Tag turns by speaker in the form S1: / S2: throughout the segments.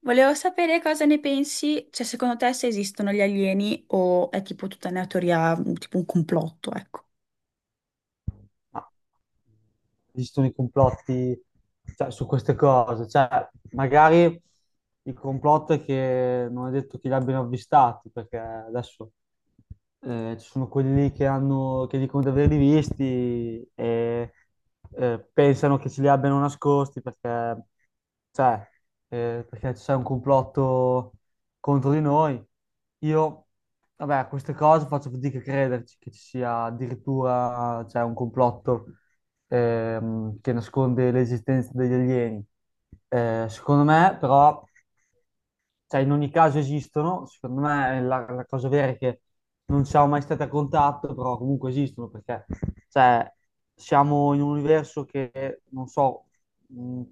S1: Volevo sapere cosa ne pensi, cioè secondo te se esistono gli alieni o è tipo tutta una teoria, tipo un complotto, ecco.
S2: Ma esistono i complotti, cioè, su queste cose, cioè, magari il complotto è che non è detto che li abbiano avvistati, perché adesso ci sono quelli lì che che dicono di averli visti e pensano che ce li abbiano nascosti perché, cioè, perché c'è un complotto contro di noi. Io Vabbè, a queste cose faccio fatica a crederci che ci sia addirittura, cioè, un complotto che nasconde l'esistenza degli alieni. Secondo me, però, cioè, in ogni caso esistono. Secondo me la cosa vera è che non siamo mai stati a contatto, però comunque esistono perché, cioè, siamo in un universo che non so, mh,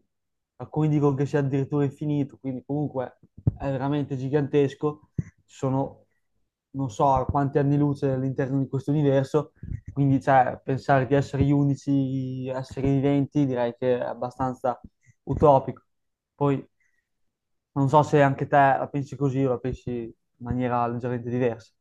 S2: alcuni dicono che sia addirittura infinito, quindi comunque è veramente gigantesco. Ci sono non so a quanti anni luce all'interno di questo universo, quindi, cioè, pensare di essere gli unici esseri viventi direi che è abbastanza utopico. Poi non so se anche te la pensi così, o la pensi in maniera leggermente diversa.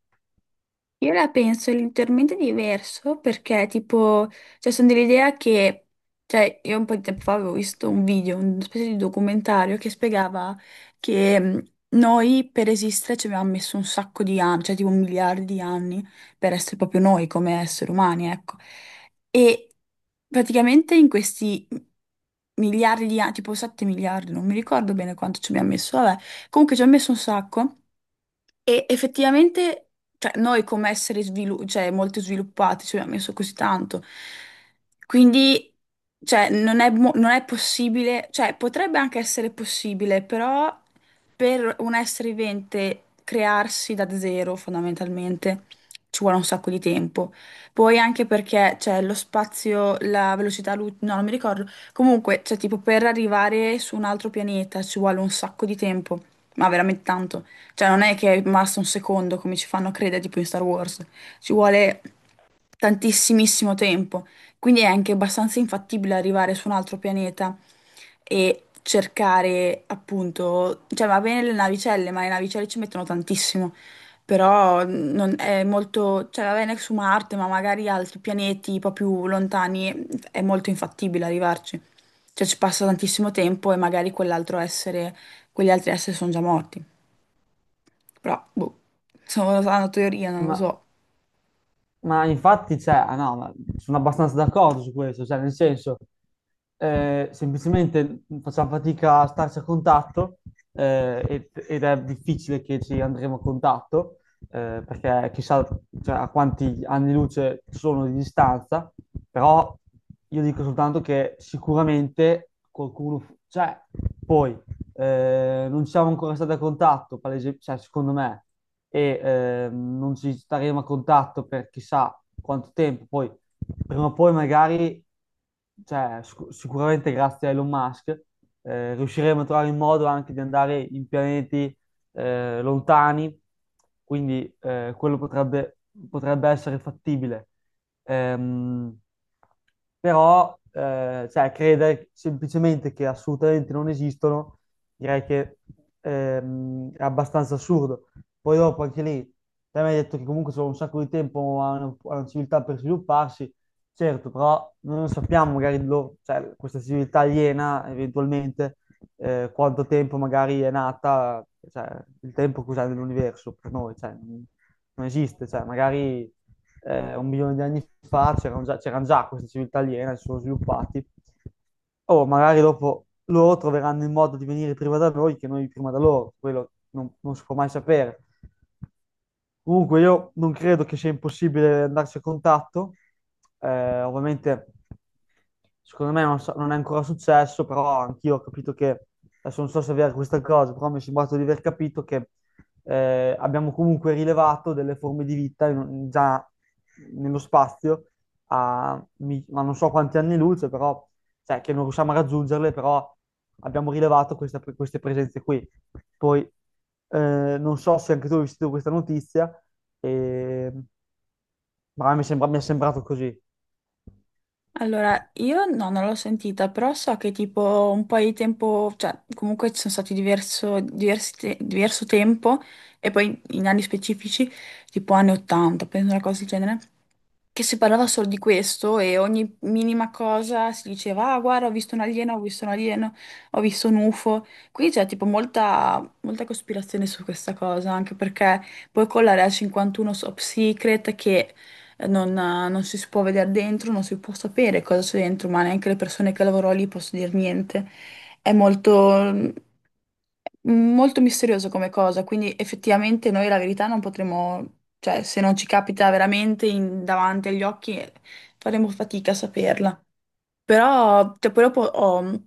S1: Io la penso leggermente diverso perché, tipo, cioè, sono dell'idea che, cioè, io un po' di tempo fa avevo visto un video, una specie di documentario che spiegava che noi per esistere ci abbiamo messo un sacco di anni, cioè tipo miliardi di anni per essere proprio noi come esseri umani, ecco. E praticamente in questi miliardi di anni, tipo 7 miliardi, non mi ricordo bene quanto ci abbiamo messo, vabbè, comunque ci abbiamo messo un sacco. E effettivamente, cioè, noi come cioè, molto sviluppati ci abbiamo messo così tanto. Quindi, cioè, non è possibile, cioè, potrebbe anche essere possibile, però per un essere vivente crearsi da zero, fondamentalmente, ci vuole un sacco di tempo. Poi anche perché, cioè, lo spazio, no, non mi ricordo. Comunque, cioè, tipo, per arrivare su un altro pianeta ci vuole un sacco di tempo, ma veramente tanto. Cioè, non è che è rimasto un secondo come ci fanno credere, tipo in Star Wars. Ci vuole tantissimissimo tempo. Quindi è anche abbastanza infattibile arrivare su un altro pianeta e cercare, appunto, cioè va bene le navicelle, ma le navicelle ci mettono tantissimo. Però non è molto, cioè va bene su Marte, ma magari altri pianeti un po' più lontani è molto infattibile arrivarci. Cioè ci passa tantissimo tempo e magari quell'altro essere, quegli altri esseri sono già morti. Però, boh, sono una teoria, non lo
S2: Ma,
S1: so.
S2: ma infatti ah no, ma sono abbastanza d'accordo su questo, cioè, nel senso, semplicemente facciamo fatica a starci a contatto, ed è difficile che ci andremo a contatto, perché chissà, cioè, a quanti anni luce sono di distanza. Però io dico soltanto che sicuramente qualcuno, cioè, poi non siamo ancora stati a contatto, cioè, secondo me, e non ci staremo a contatto per chissà quanto tempo. Poi, prima o poi, magari, cioè, sicuramente grazie a Elon Musk, riusciremo a trovare il modo anche di andare in pianeti lontani. Quindi quello potrebbe essere fattibile. Ehm, però, cioè, credere semplicemente che assolutamente non esistono, direi che è abbastanza assurdo. Poi dopo anche lì, te mi hai detto che comunque sono un sacco di tempo a una civiltà per svilupparsi, certo, però noi non sappiamo magari, cioè, questa civiltà aliena eventualmente quanto tempo magari è nata. Cioè, il tempo che usiamo nell'universo per noi, cioè, non esiste. Cioè, magari 1 milione di anni fa c'erano già queste civiltà aliene, si sono sviluppati. O magari dopo loro troveranno il modo di venire prima da noi che noi prima da loro. Quello non si può mai sapere. Comunque io non credo che sia impossibile andarci a contatto, ovviamente. Secondo me non è ancora successo, però anch'io ho capito che, adesso non so se è vera questa cosa, però mi è sembrato di aver capito che abbiamo comunque rilevato delle forme di vita già nello spazio, ma non so quanti anni luce. Però, cioè, che non riusciamo a raggiungerle, però abbiamo rilevato queste presenze qui. Poi, non so se anche tu hai visto questa notizia, eh, ma mi è sembrato così.
S1: Allora, io no, non l'ho sentita, però so che tipo un po' di tempo, cioè comunque ci sono stati diverso tempo e poi in anni specifici, tipo anni 80, penso una cosa del genere, che si parlava solo di questo e ogni minima cosa si diceva: ah, guarda, ho visto un alieno, ho visto un alieno, ho visto un UFO. Quindi c'è tipo molta cospirazione su questa cosa, anche perché poi con l'area 51 top secret che non si può vedere dentro, non si può sapere cosa c'è dentro, ma neanche le persone che lavorano lì possono dire niente. È molto... molto misterioso come cosa, quindi effettivamente noi la verità non potremo, cioè se non ci capita veramente davanti agli occhi, faremo fatica a saperla. Però cioè, poi dopo ho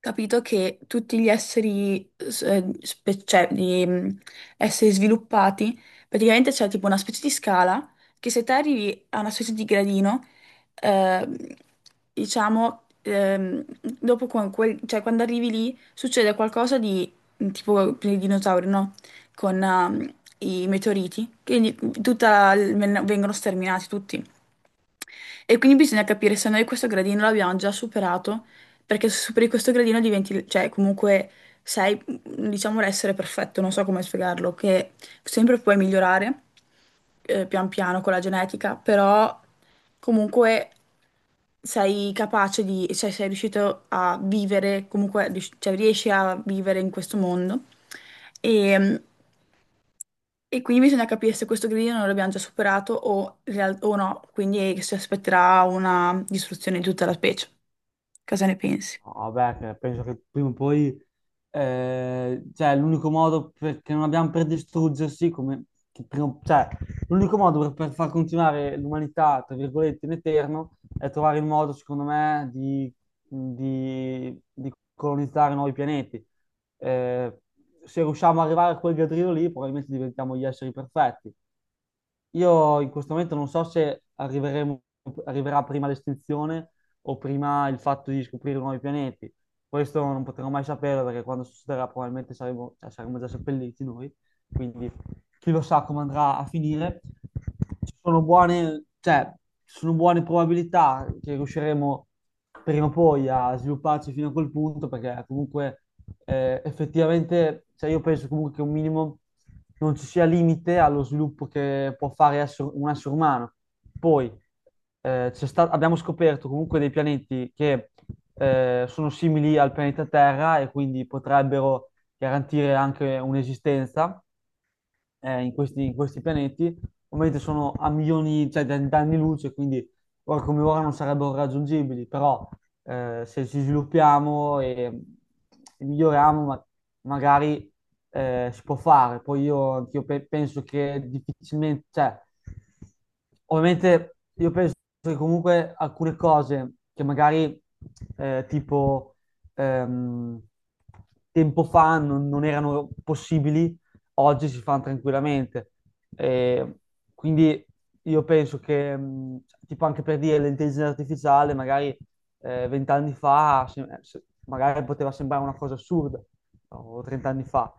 S1: capito che tutti gli esseri, cioè, esseri sviluppati, praticamente c'è tipo una specie di scala che se te arrivi a una specie di gradino, ehm, diciamo, dopo con cioè, quando arrivi lì succede qualcosa di tipo per i dinosauri, no? Con i meteoriti, quindi vengono sterminati tutti. E quindi bisogna capire se noi questo gradino l'abbiamo già superato, perché se superi questo gradino diventi, cioè comunque sei, diciamo, l'essere perfetto, non so come spiegarlo, che sempre puoi migliorare pian piano con la genetica, però comunque sei capace di, cioè sei riuscito a vivere, cioè, riesci a vivere in questo mondo. E, e quindi bisogna capire se questo grido non l'abbiamo già superato o, o no, quindi si aspetterà una distruzione di tutta la specie. Cosa ne pensi?
S2: No, Vabbè, penso che prima o poi, cioè, che non abbiamo per distruggersi, come, cioè, l'unico modo per far continuare l'umanità, tra virgolette, in eterno, è trovare il modo, secondo me, di, di colonizzare nuovi pianeti. Eh, se riusciamo ad arrivare a quel giardino lì, probabilmente diventiamo gli esseri perfetti. Io in questo momento non so se arriverà prima l'estinzione o prima il fatto di scoprire nuovi pianeti. Questo non potremo mai saperlo perché quando succederà probabilmente cioè, saremo già seppelliti noi. Quindi chi lo sa come andrà a finire. Cioè, ci sono buone probabilità che riusciremo prima o poi a svilupparci fino a quel punto, perché comunque effettivamente, cioè, io penso comunque che un minimo non ci sia limite allo sviluppo che può fare un essere umano. Poi abbiamo scoperto comunque dei pianeti che sono simili al pianeta Terra e quindi potrebbero garantire anche un'esistenza in questi pianeti. Ovviamente sono a milioni, cioè, d'anni luce, quindi ora come ora non sarebbero raggiungibili. Però se ci sviluppiamo e miglioriamo, magari si può fare. Poi anch'io penso che difficilmente, cioè, ovviamente io penso che comunque alcune cose che magari tipo ehm, tempo fa non erano possibili, oggi si fanno tranquillamente. E quindi io penso che, tipo anche per dire, l'intelligenza artificiale magari 20 anni fa magari poteva sembrare una cosa assurda. No, o 30 anni fa.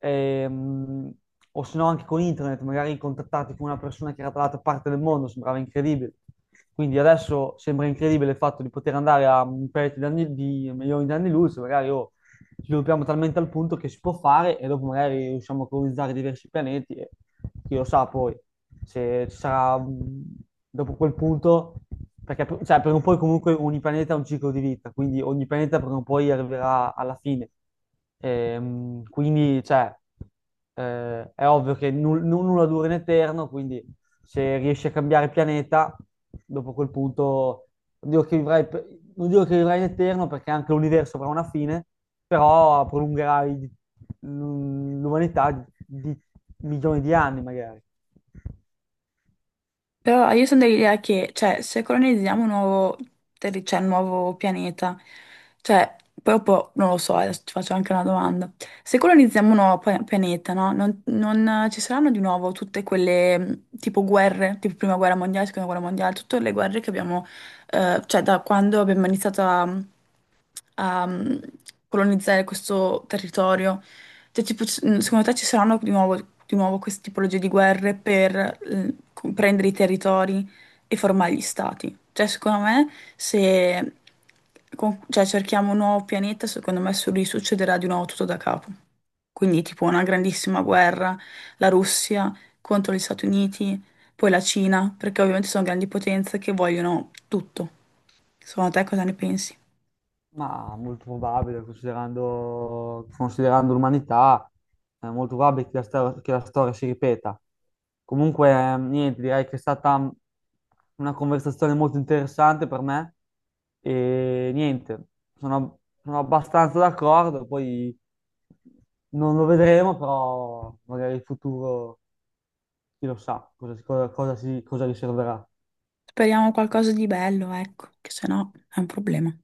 S2: E, o se no anche con internet, magari contattarti con una persona che era dall'altra parte del mondo sembrava incredibile. Quindi adesso sembra incredibile il fatto di poter andare a un paio di anni, di milioni di anni luce, magari oh, sviluppiamo talmente al punto che si può fare e dopo magari riusciamo a colonizzare diversi pianeti. E chi lo sa poi se ci sarà, dopo quel punto, perché cioè, prima o poi comunque ogni pianeta ha un ciclo di vita, quindi ogni pianeta prima o poi arriverà alla fine. Quindi, cioè, è ovvio che nulla dura in eterno, quindi se riesci a cambiare pianeta, dopo quel punto, non dico che vivrai, per- non dico che vivrai in eterno perché anche l'universo avrà una fine, però l'umanità di milioni di anni magari.
S1: Però io sono dell'idea che, cioè, se colonizziamo cioè, un nuovo pianeta, cioè, proprio, non lo so, adesso ti faccio anche una domanda. Se colonizziamo un pianeta, no? Non ci saranno di nuovo tutte quelle, tipo, guerre, tipo Prima Guerra Mondiale, Seconda Guerra Mondiale, tutte le guerre che abbiamo, cioè, da quando abbiamo iniziato a a mm, colonizzare questo territorio? Cioè, tipo, secondo te ci saranno di nuovo queste tipologie di guerre per prendere i territori e formare gli stati? Cioè, secondo me, se cioè, cerchiamo un nuovo pianeta, secondo me risuccederà di nuovo tutto da capo. Quindi, tipo, una grandissima guerra, la Russia contro gli Stati Uniti, poi la Cina, perché ovviamente sono grandi potenze che vogliono tutto. Secondo te cosa ne pensi?
S2: Ma molto probabile, considerando l'umanità, è molto probabile che che la storia si ripeta. Comunque, niente, direi che è stata una conversazione molto interessante per me. E niente, sono abbastanza d'accordo. Poi non lo vedremo, però magari in futuro chi lo sa cosa riserverà.
S1: Speriamo qualcosa di bello, ecco, che se no è un problema.